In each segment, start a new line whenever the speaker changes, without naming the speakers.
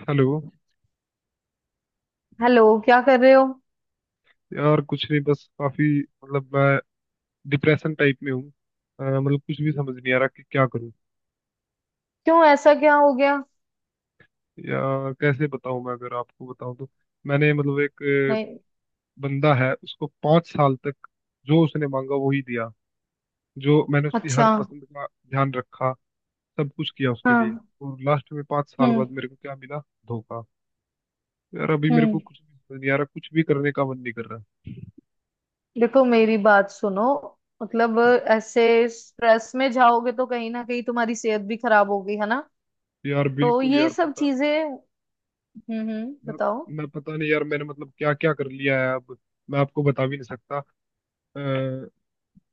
Hello.
Hello, क्या कर रहे हो।
यार कुछ नहीं, बस काफी मतलब मैं डिप्रेशन टाइप में हूँ। मतलब कुछ भी समझ नहीं आ रहा कि क्या करूँ
क्यों, ऐसा क्या हो गया।
या कैसे बताऊँ। मैं अगर आपको बताऊँ तो मैंने मतलब एक अ,
नहीं।
बंदा है, उसको पाँच साल तक जो उसने मांगा वो ही दिया, जो मैंने उसकी हर
अच्छा।
पसंद का ध्यान रखा, सब कुछ किया उसके लिए।
हाँ।
और लास्ट में पाँच साल
हम्म
बाद मेरे को क्या मिला? धोखा। यार अभी मेरे को
हम्म।
कुछ भी समझ नहीं आ रहा, कुछ भी करने का मन नहीं कर रहा।
देखो, मेरी बात सुनो। मतलब ऐसे स्ट्रेस में जाओगे तो कहीं ना कहीं तुम्हारी सेहत भी खराब होगी, है ना।
यार
तो
बिल्कुल,
ये
यार
सब
पता
चीजें। हम्म।
मैं
बताओ।
मैं पता नहीं यार, मैंने मतलब क्या क्या कर लिया है अब मैं आपको बता भी नहीं सकता।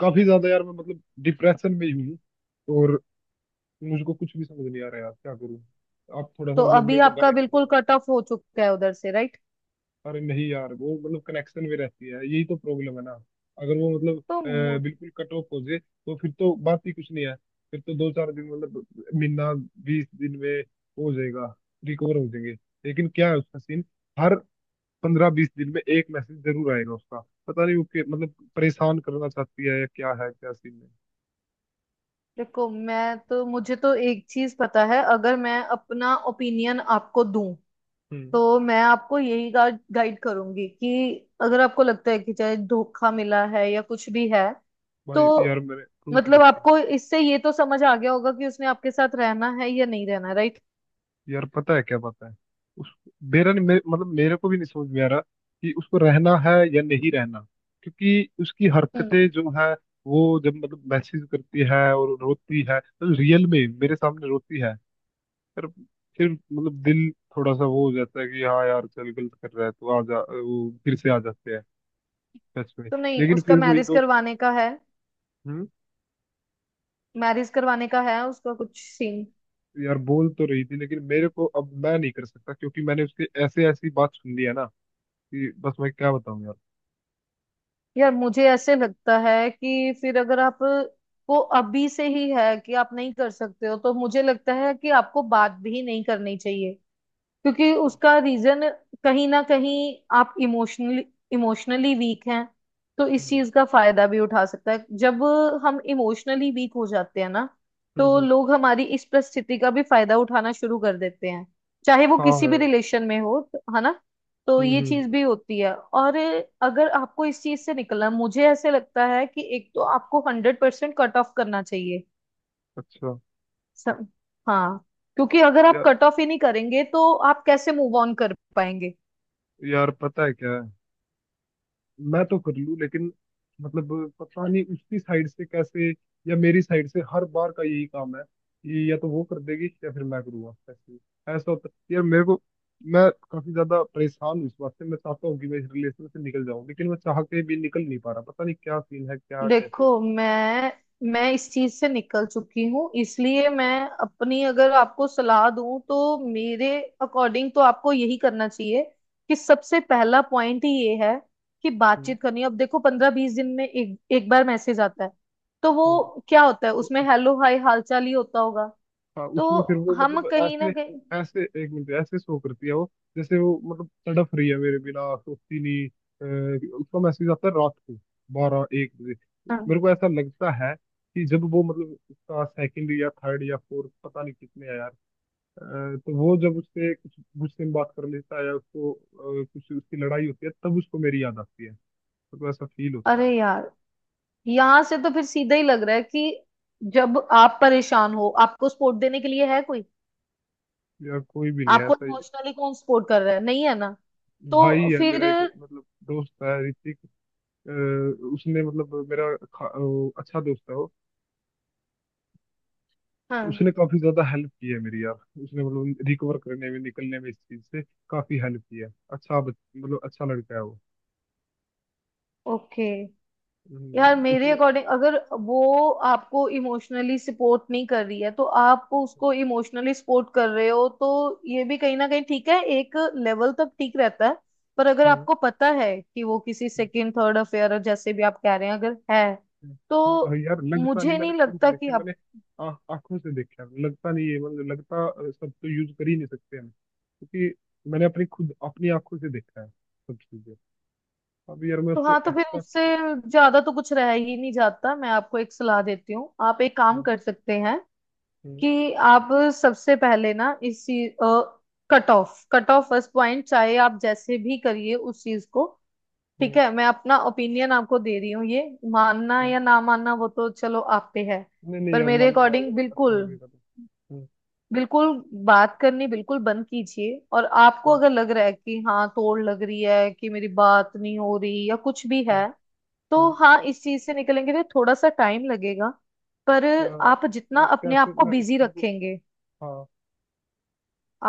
काफी ज्यादा यार मैं मतलब डिप्रेशन में ही हूँ। और मुझको कुछ भी समझ नहीं आ रहा यार, क्या करूँ? आप थोड़ा सा
तो
मतलब
अभी
मेरे को
आपका
गाइड करो
बिल्कुल
ना।
कट ऑफ हो चुका है उधर से, राइट।
अरे नहीं यार, वो मतलब कनेक्शन में रहती है, यही तो प्रॉब्लम है ना। अगर वो मतलब
तो मु-
बिल्कुल कट ऑफ हो जाए तो फिर तो बात ही कुछ नहीं है। फिर तो दो चार दिन मतलब महीना, बीस दिन में हो जाएगा, रिकवर हो जाएंगे। लेकिन क्या है उसका सीन? हर पंद्रह बीस दिन में एक मैसेज जरूर आएगा उसका। पता नहीं वो मतलब परेशान करना चाहती है या क्या है, क्या सीन है।
देखो, मैं तो मुझे तो एक चीज पता है, अगर मैं अपना ओपिनियन आपको दूं,
हम्म।
तो मैं आपको यही गाइड गाइड करूंगी कि अगर आपको लगता है कि चाहे धोखा मिला है या कुछ भी है, तो
भाई यार, मेरे प्रूफ
मतलब
देखे।
आपको इससे ये तो समझ आ गया होगा कि उसने आपके साथ रहना है या नहीं रहना, राइट।
यार पता है क्या, पता है उस मेरा नहीं मतलब मेरे को भी नहीं समझ में आ रहा कि उसको रहना है या नहीं रहना, क्योंकि उसकी
हम्म।
हरकतें जो है वो, जब मतलब मैसेज करती है और रोती है तो रियल में मेरे सामने रोती है। फिर फिर मतलब दिल थोड़ा सा वो हो जाता है कि हाँ यार चल गलत कर रहा है, तो आ जा, वो फिर से आ जाते हैं सच में।
तो नहीं,
लेकिन
उसका
फिर वही
मैरिज
तो।
करवाने का है।
हम्म।
मैरिज करवाने का है उसका कुछ सीन।
यार बोल तो रही थी लेकिन मेरे को, अब मैं नहीं कर सकता क्योंकि मैंने उसके ऐसे ऐसी बात सुन ली है ना, कि बस मैं क्या बताऊं यार।
यार, मुझे ऐसे लगता है कि फिर अगर आप को अभी से ही है कि आप नहीं कर सकते हो, तो मुझे लगता है कि आपको बात भी नहीं करनी चाहिए। क्योंकि उसका रीजन कहीं ना कहीं, आप इमोशनली इमोशनली वीक हैं, तो इस
हम्म।
चीज का फायदा भी उठा सकता है। जब हम इमोशनली वीक हो जाते हैं ना,
हम्म।
तो
हम्म।
लोग हमारी इस परिस्थिति का भी फायदा उठाना शुरू कर देते हैं, चाहे वो
हाँ
किसी भी
यार।
रिलेशन में हो तो- है ना। तो
हम्म।
ये चीज भी होती है। और अगर आपको इस चीज से निकलना, मुझे ऐसे लगता है कि एक तो आपको 100% कट ऑफ करना चाहिए
अच्छा।
सब। हाँ, क्योंकि अगर आप
या,
कट ऑफ ही नहीं करेंगे तो आप कैसे मूव ऑन कर पाएंगे।
यार पता है क्या, मैं तो कर लूँ लेकिन मतलब पता नहीं उसकी साइड से कैसे, या मेरी साइड से हर बार का यही काम है कि या तो वो कर देगी या फिर मैं करूँगा ऐसे। ऐसा होता यार मेरे को। मैं काफी ज्यादा परेशान हूँ इस बात से, मैं चाहता हूँ कि मैं इस रिलेशन से निकल जाऊँ लेकिन मैं चाह के भी निकल नहीं पा रहा, पता नहीं क्या सीन है, क्या कैसे।
देखो, मैं इस चीज से निकल चुकी हूँ, इसलिए मैं अपनी, अगर आपको सलाह दूं, तो मेरे अकॉर्डिंग तो आपको यही करना चाहिए कि सबसे पहला पॉइंट ही ये है कि
हम्म।
बातचीत करनी है। अब देखो, 15-20 दिन में एक एक बार मैसेज आता है, तो
हम्म।
वो क्या होता है, उसमें
तो
हेलो हाय हालचाल ही होता होगा।
हाँ,
तो
उसमें फिर वो
हम
मतलब
कहीं ना
ऐसे
कहीं।
ऐसे एक मिनट ऐसे शो करती है वो, जैसे वो मतलब तड़प रही है मेरे बिना, सोचती नहीं। उसका मैसेज आता है रात को बारह एक बजे।
हाँ।
मेरे को ऐसा लगता है कि जब वो मतलब उसका सेकंड या थर्ड या फोर्थ पता नहीं कितने है यार, तो वो जब उससे कुछ कुछ दिन बात कर लेता है या उसको कुछ उसकी लड़ाई होती है तब उसको मेरी याद आती है। मेरे को ऐसा फील
अरे
होता
यार, यहां से तो फिर सीधा ही लग रहा है कि जब आप परेशान हो, आपको सपोर्ट देने के लिए है कोई।
है यार, कोई भी नहीं है
आपको
ऐसा ही।
इमोशनली कौन सपोर्ट कर रहा है, नहीं है ना।
भाई,
तो
है
फिर।
मेरा एक मतलब दोस्त है ऋतिक। अ, उसने मतलब अच्छा दोस्त है वो।
हाँ।
उसने काफी ज्यादा हेल्प की है मेरी यार, उसने मतलब रिकवर करने में, निकलने में इस चीज से काफी हेल्प की है। अच्छा मतलब अच्छा लड़का है वो।
ओके।
हम्म।
यार, मेरे
उसने।
अकॉर्डिंग, अगर वो आपको इमोशनली सपोर्ट नहीं कर रही है तो आप उसको इमोशनली सपोर्ट कर रहे हो, तो ये भी कहीं ना कहीं ठीक है, एक लेवल तक ठीक रहता है। पर अगर
हम्म।
आपको पता है कि वो किसी
हम्म।
सेकंड थर्ड अफेयर, जैसे भी आप कह रहे हैं, अगर है,
हम्म। हम्म।
तो
यार लगता नहीं,
मुझे
मैंने
नहीं
प्रूफ
लगता कि।
देखे, मैंने आंखों से देखा है, लगता नहीं है मतलब लगता सब तो यूज कर ही नहीं सकते हम, क्योंकि मैंने अपनी खुद अपनी आंखों से देखा है सब चीजें। अब यार मैं
तो
उसको
हाँ, तो फिर उससे ज्यादा तो कुछ रह ही नहीं जाता। मैं आपको एक सलाह देती हूँ, आप एक काम कर सकते हैं
एक्सेप्ट।
कि आप सबसे पहले ना इस चीज, कट ऑफ फर्स्ट पॉइंट, चाहे आप जैसे भी करिए उस चीज को। ठीक है, मैं अपना ओपिनियन आपको दे रही हूँ, ये मानना या ना मानना वो तो चलो आप पे है।
नहीं नहीं
पर
यार,
मेरे
मानूंगा
अकॉर्डिंग,
अगर अच्छा
बिल्कुल
लगेगा तो। हम्म।
बिल्कुल बात करनी बिल्कुल बंद कीजिए। और आपको
हम्म।
अगर लग रहा है कि हाँ, तोड़ लग रही है कि मेरी बात नहीं हो रही या कुछ भी
हम्म।
है, तो
हम्म।
हाँ, इस चीज से निकलेंगे तो थोड़ा सा टाइम लगेगा। पर
क्या वो,
आप जितना अपने
कैसे
आप को
मैं
बिजी
उसको।
रखेंगे,
हाँ।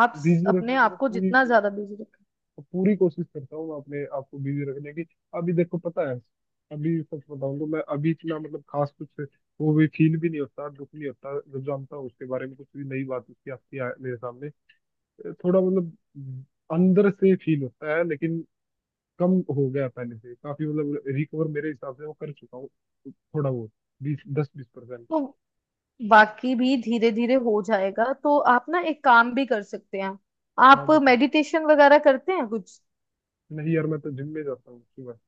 बिजी
अपने
रखने की मैं
आप को
पूरी
जितना ज्यादा बिजी रखेंगे,
पूरी कोशिश करता हूँ, मैं अपने आप को बिजी रखने की। अभी देखो पता है, अभी सच बताऊँ तो मैं अभी इतना मतलब खास कुछ वो भी फील भी नहीं होता, दुख नहीं होता जब जानता हूँ उसके बारे में कुछ भी नई बात उसकी आती है मेरे सामने। थोड़ा मतलब अंदर से फील होता है लेकिन कम हो गया पहले से, काफी मतलब रिकवर मेरे हिसाब से वो कर चुका हूँ थोड़ा बहुत, बीस दस बीस परसेंट।
तो बाकी भी धीरे धीरे हो जाएगा। तो आप ना एक काम भी कर सकते हैं,
हाँ
आप
बताओ।
मेडिटेशन वगैरह करते हैं कुछ।
नहीं यार, मैं तो जिम में जाता हूँ सुबह।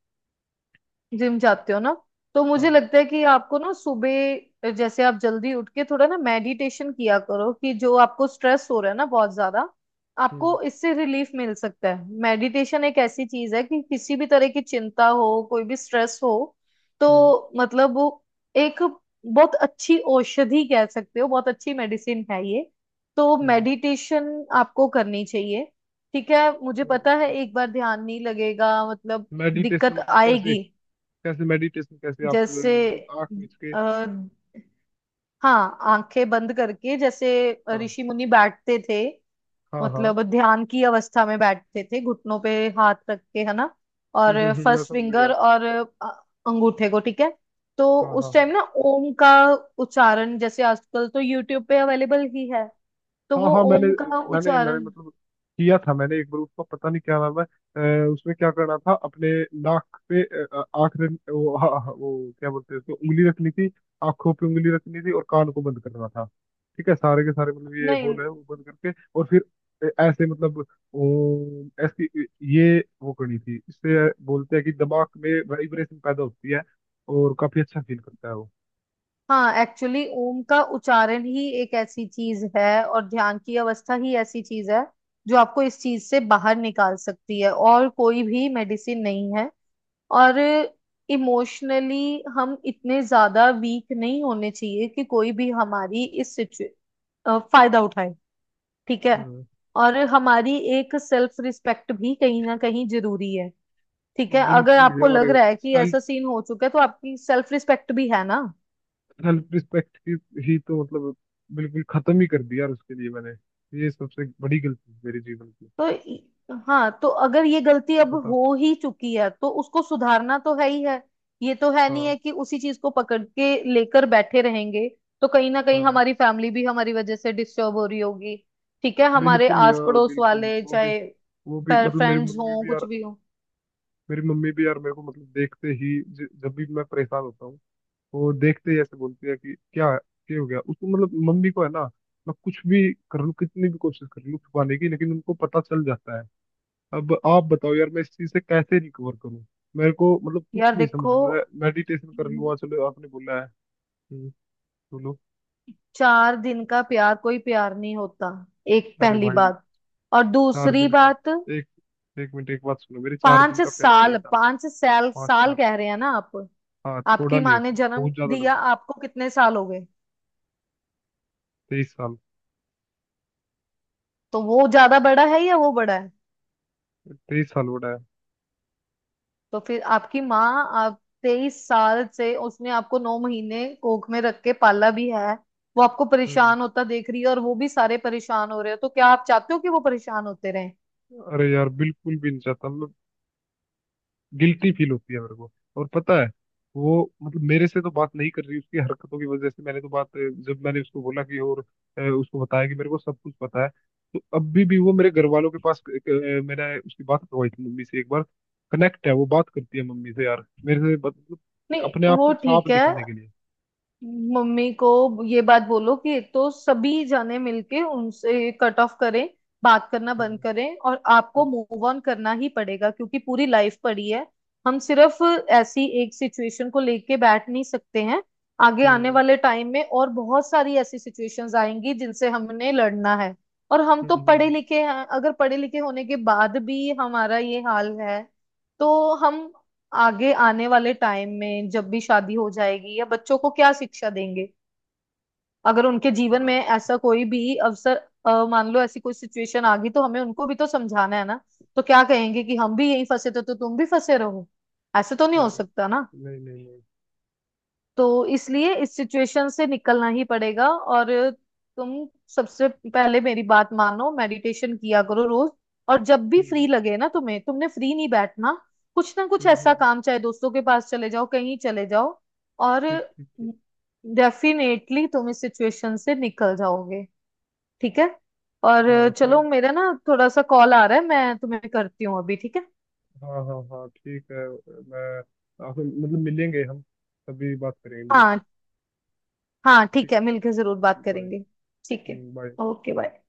जिम जाते हो ना, तो मुझे
हाँ।
लगता है कि आपको ना सुबह जैसे आप जल्दी उठ के थोड़ा ना मेडिटेशन किया करो, कि जो आपको स्ट्रेस हो रहा है ना बहुत ज्यादा,
हम्म।
आपको इससे रिलीफ मिल सकता है। मेडिटेशन एक ऐसी चीज है कि किसी भी तरह की चिंता हो, कोई भी स्ट्रेस हो,
हम्म।
तो मतलब वो एक बहुत अच्छी औषधि कह सकते हो, बहुत अच्छी मेडिसिन है ये। तो
हम्म।
मेडिटेशन आपको करनी चाहिए। ठीक है, मुझे पता है एक बार ध्यान नहीं लगेगा, मतलब
मेडिटेशन
दिक्कत
मतलब कैसे?
आएगी।
कैसे मेडिटेशन, कैसे आप
जैसे
मतलब आंख मीच के?
अ, हाँ, आंखें बंद करके जैसे
हाँ
ऋषि मुनि बैठते थे,
हाँ हाँ।
मतलब ध्यान की अवस्था में बैठते थे, घुटनों पे हाथ रख के, है ना। और
मैं
फर्स्ट
समझ गया।
फिंगर और अ, अंगूठे को, ठीक है। तो
हाँ हाँ
उस टाइम
हाँ।
ना ओम का उच्चारण, जैसे आजकल तो यूट्यूब पे अवेलेबल ही है, तो
हाँ
वो
हाँ मैंने
ओम का
मैंने मैंने
उच्चारण।
मतलब किया था मैंने एक बार, उसका पता नहीं क्या नाम है। उसमें क्या करना था, अपने नाक पे आँख रख वो, हाँ, हाँ, वो क्या बोलते हैं उसको, उंगली रखनी थी आंखों पे, उंगली रखनी थी और कान को बंद करना था। ठीक है, सारे के सारे मतलब ये
नहीं।
होल है वो बंद करके, और फिर ऐसे मतलब ऐसी ये वो करनी थी। इससे बोलते हैं कि दिमाग में वाइब्रेशन पैदा होती है और काफी अच्छा फील करता है वो।
हाँ, एक्चुअली ओम का उच्चारण ही एक ऐसी चीज है और ध्यान की अवस्था ही ऐसी चीज है जो आपको इस चीज से बाहर निकाल सकती है, और कोई भी मेडिसिन नहीं है। और इमोशनली हम इतने ज्यादा वीक नहीं होने चाहिए कि कोई भी हमारी इस फायदा उठाए। ठीक है।
हम्म।
और हमारी एक सेल्फ रिस्पेक्ट भी कहीं ना कहीं जरूरी है। ठीक है, अगर
बिल्कुल
आपको
यार,
लग रहा है कि ऐसा सीन हो चुका है तो आपकी सेल्फ रिस्पेक्ट भी है ना।
सेल्फ रिस्पेक्ट ही तो मतलब बिल्कुल खत्म ही कर दिया यार उसके लिए मैंने। ये सबसे बड़ी गलती है मेरे जीवन की।
तो इ- हाँ, तो अगर ये गलती अब
बता।
हो ही चुकी है तो उसको सुधारना तो है ही है। ये तो है नहीं
हाँ
है कि उसी चीज को पकड़ के लेकर बैठे रहेंगे। तो कहीं ना कहीं
हाँ
हमारी फैमिली भी हमारी वजह से डिस्टर्ब हो रही होगी। ठीक है, हमारे
बिल्कुल
आस
यार
पड़ोस
बिल्कुल,
वाले, चाहे
वो भी मतलब
फ्रेंड्स हों कुछ भी हो।
मेरी मम्मी भी यार मेरे को मतलब देखते ही जब भी मैं परेशान होता हूँ वो देखते ही ऐसे बोलती है कि क्या क्या हो गया उसको, मतलब मम्मी को है ना। मैं कुछ भी कर लूँ, कितनी भी कोशिश कर लूँ छुपाने की, लेकिन उनको पता चल जाता है। अब आप बताओ यार, मैं इस चीज से कैसे रिकवर करूं? मेरे को मतलब
यार
कुछ नहीं समझ
देखो,
में आ रहा है। मेडिटेशन कर लूँ, चलो आपने बोला है। हम्म, बोलो।
4 दिन का प्यार कोई प्यार नहीं होता, एक
अरे
पहली
भाई!
बात। और
चार
दूसरी
दिन का
बात,
एक, एक मिनट, एक बात सुनो मेरे, चार दिन
पांच
का प्यार नहीं
साल
था
पांच साल
पाँच
साल
साल।
कह रहे हैं ना आप।
हाँ थोड़ा
आपकी
नहीं
माँ ने
होता,
जन्म
बहुत ज्यादा
दिया
लंबा।
आपको, कितने साल हो गए।
तेईस साल।
तो वो ज्यादा बड़ा है या वो बड़ा है।
तेईस साल बड़ा है।
तो फिर आपकी माँ, आप 23 साल से, उसने आपको 9 महीने कोख में रख के पाला भी है। वो आपको
हम्म।
परेशान होता देख रही है और वो भी सारे परेशान हो रहे हो, तो क्या आप चाहते हो कि वो परेशान होते रहें।
अरे यार बिल्कुल भी नहीं चाहता मतलब, गिल्टी फील होती है मेरे को। और पता है, वो मतलब मेरे से तो बात नहीं कर रही उसकी हरकतों की वजह से, मैंने तो बात जब मैंने उसको बोला कि और उसको बताया कि मेरे को सब कुछ पता है, तो अभी भी वो मेरे घर वालों के पास मैंने उसकी बात करवाई थी मम्मी से एक बार, कनेक्ट है, वो बात करती है मम्मी से यार, मेरे से मतलब अपने
नहीं,
आप
वो
को साफ
ठीक है।
दिखाने के लिए।
मम्मी को ये बात बोलो कि एक तो सभी जाने मिलके उनसे कट ऑफ करें, बात करना बंद
हम्म।
करें। और आपको मूव ऑन करना ही पड़ेगा, क्योंकि पूरी लाइफ पड़ी है। हम सिर्फ ऐसी एक सिचुएशन को लेके बैठ नहीं सकते हैं। आगे आने
हम्म।
वाले टाइम में और बहुत सारी ऐसी सिचुएशंस आएंगी जिनसे हमने लड़ना है। और हम
हम्म।
तो पढ़े लिखे हैं, अगर पढ़े लिखे होने के बाद भी हमारा ये हाल है, तो हम आगे आने वाले टाइम में जब भी शादी हो जाएगी या बच्चों को क्या शिक्षा देंगे, अगर उनके
अ,
जीवन में ऐसा कोई भी अवसर, मान लो ऐसी कोई सिचुएशन आ गई, तो हमें उनको भी तो समझाना है ना। तो क्या कहेंगे कि हम भी यहीं फंसे थे तो तुम भी फंसे रहो, ऐसे तो नहीं हो
अरे
सकता ना।
नहीं नहीं नहीं।
तो इसलिए इस सिचुएशन से निकलना ही पड़ेगा। और तुम सबसे पहले मेरी बात मानो, मेडिटेशन किया करो रोज। और जब भी
हम्म।
फ्री लगे ना तुम्हें, तुमने फ्री नहीं बैठना, कुछ ना कुछ
हम्म।
ऐसा काम, चाहे दोस्तों के पास चले जाओ, कहीं चले जाओ। और
ठीक ठीक ठीक।
डेफिनेटली तुम इस सिचुएशन से निकल जाओगे, ठीक है। और
हाँ
चलो,
थैंक।
मेरा ना थोड़ा सा कॉल आ रहा है, मैं तुम्हें करती हूँ अभी, ठीक है।
हाँ हाँ हाँ ठीक है। मैं आपसे मतलब मिलेंगे हम, तभी बात करेंगे मिलके।
हाँ हाँ,
ठीक
ठीक है,
है।
मिलकर जरूर बात
बाय।
करेंगे। ठीक है,
बाय।
Okay, bye.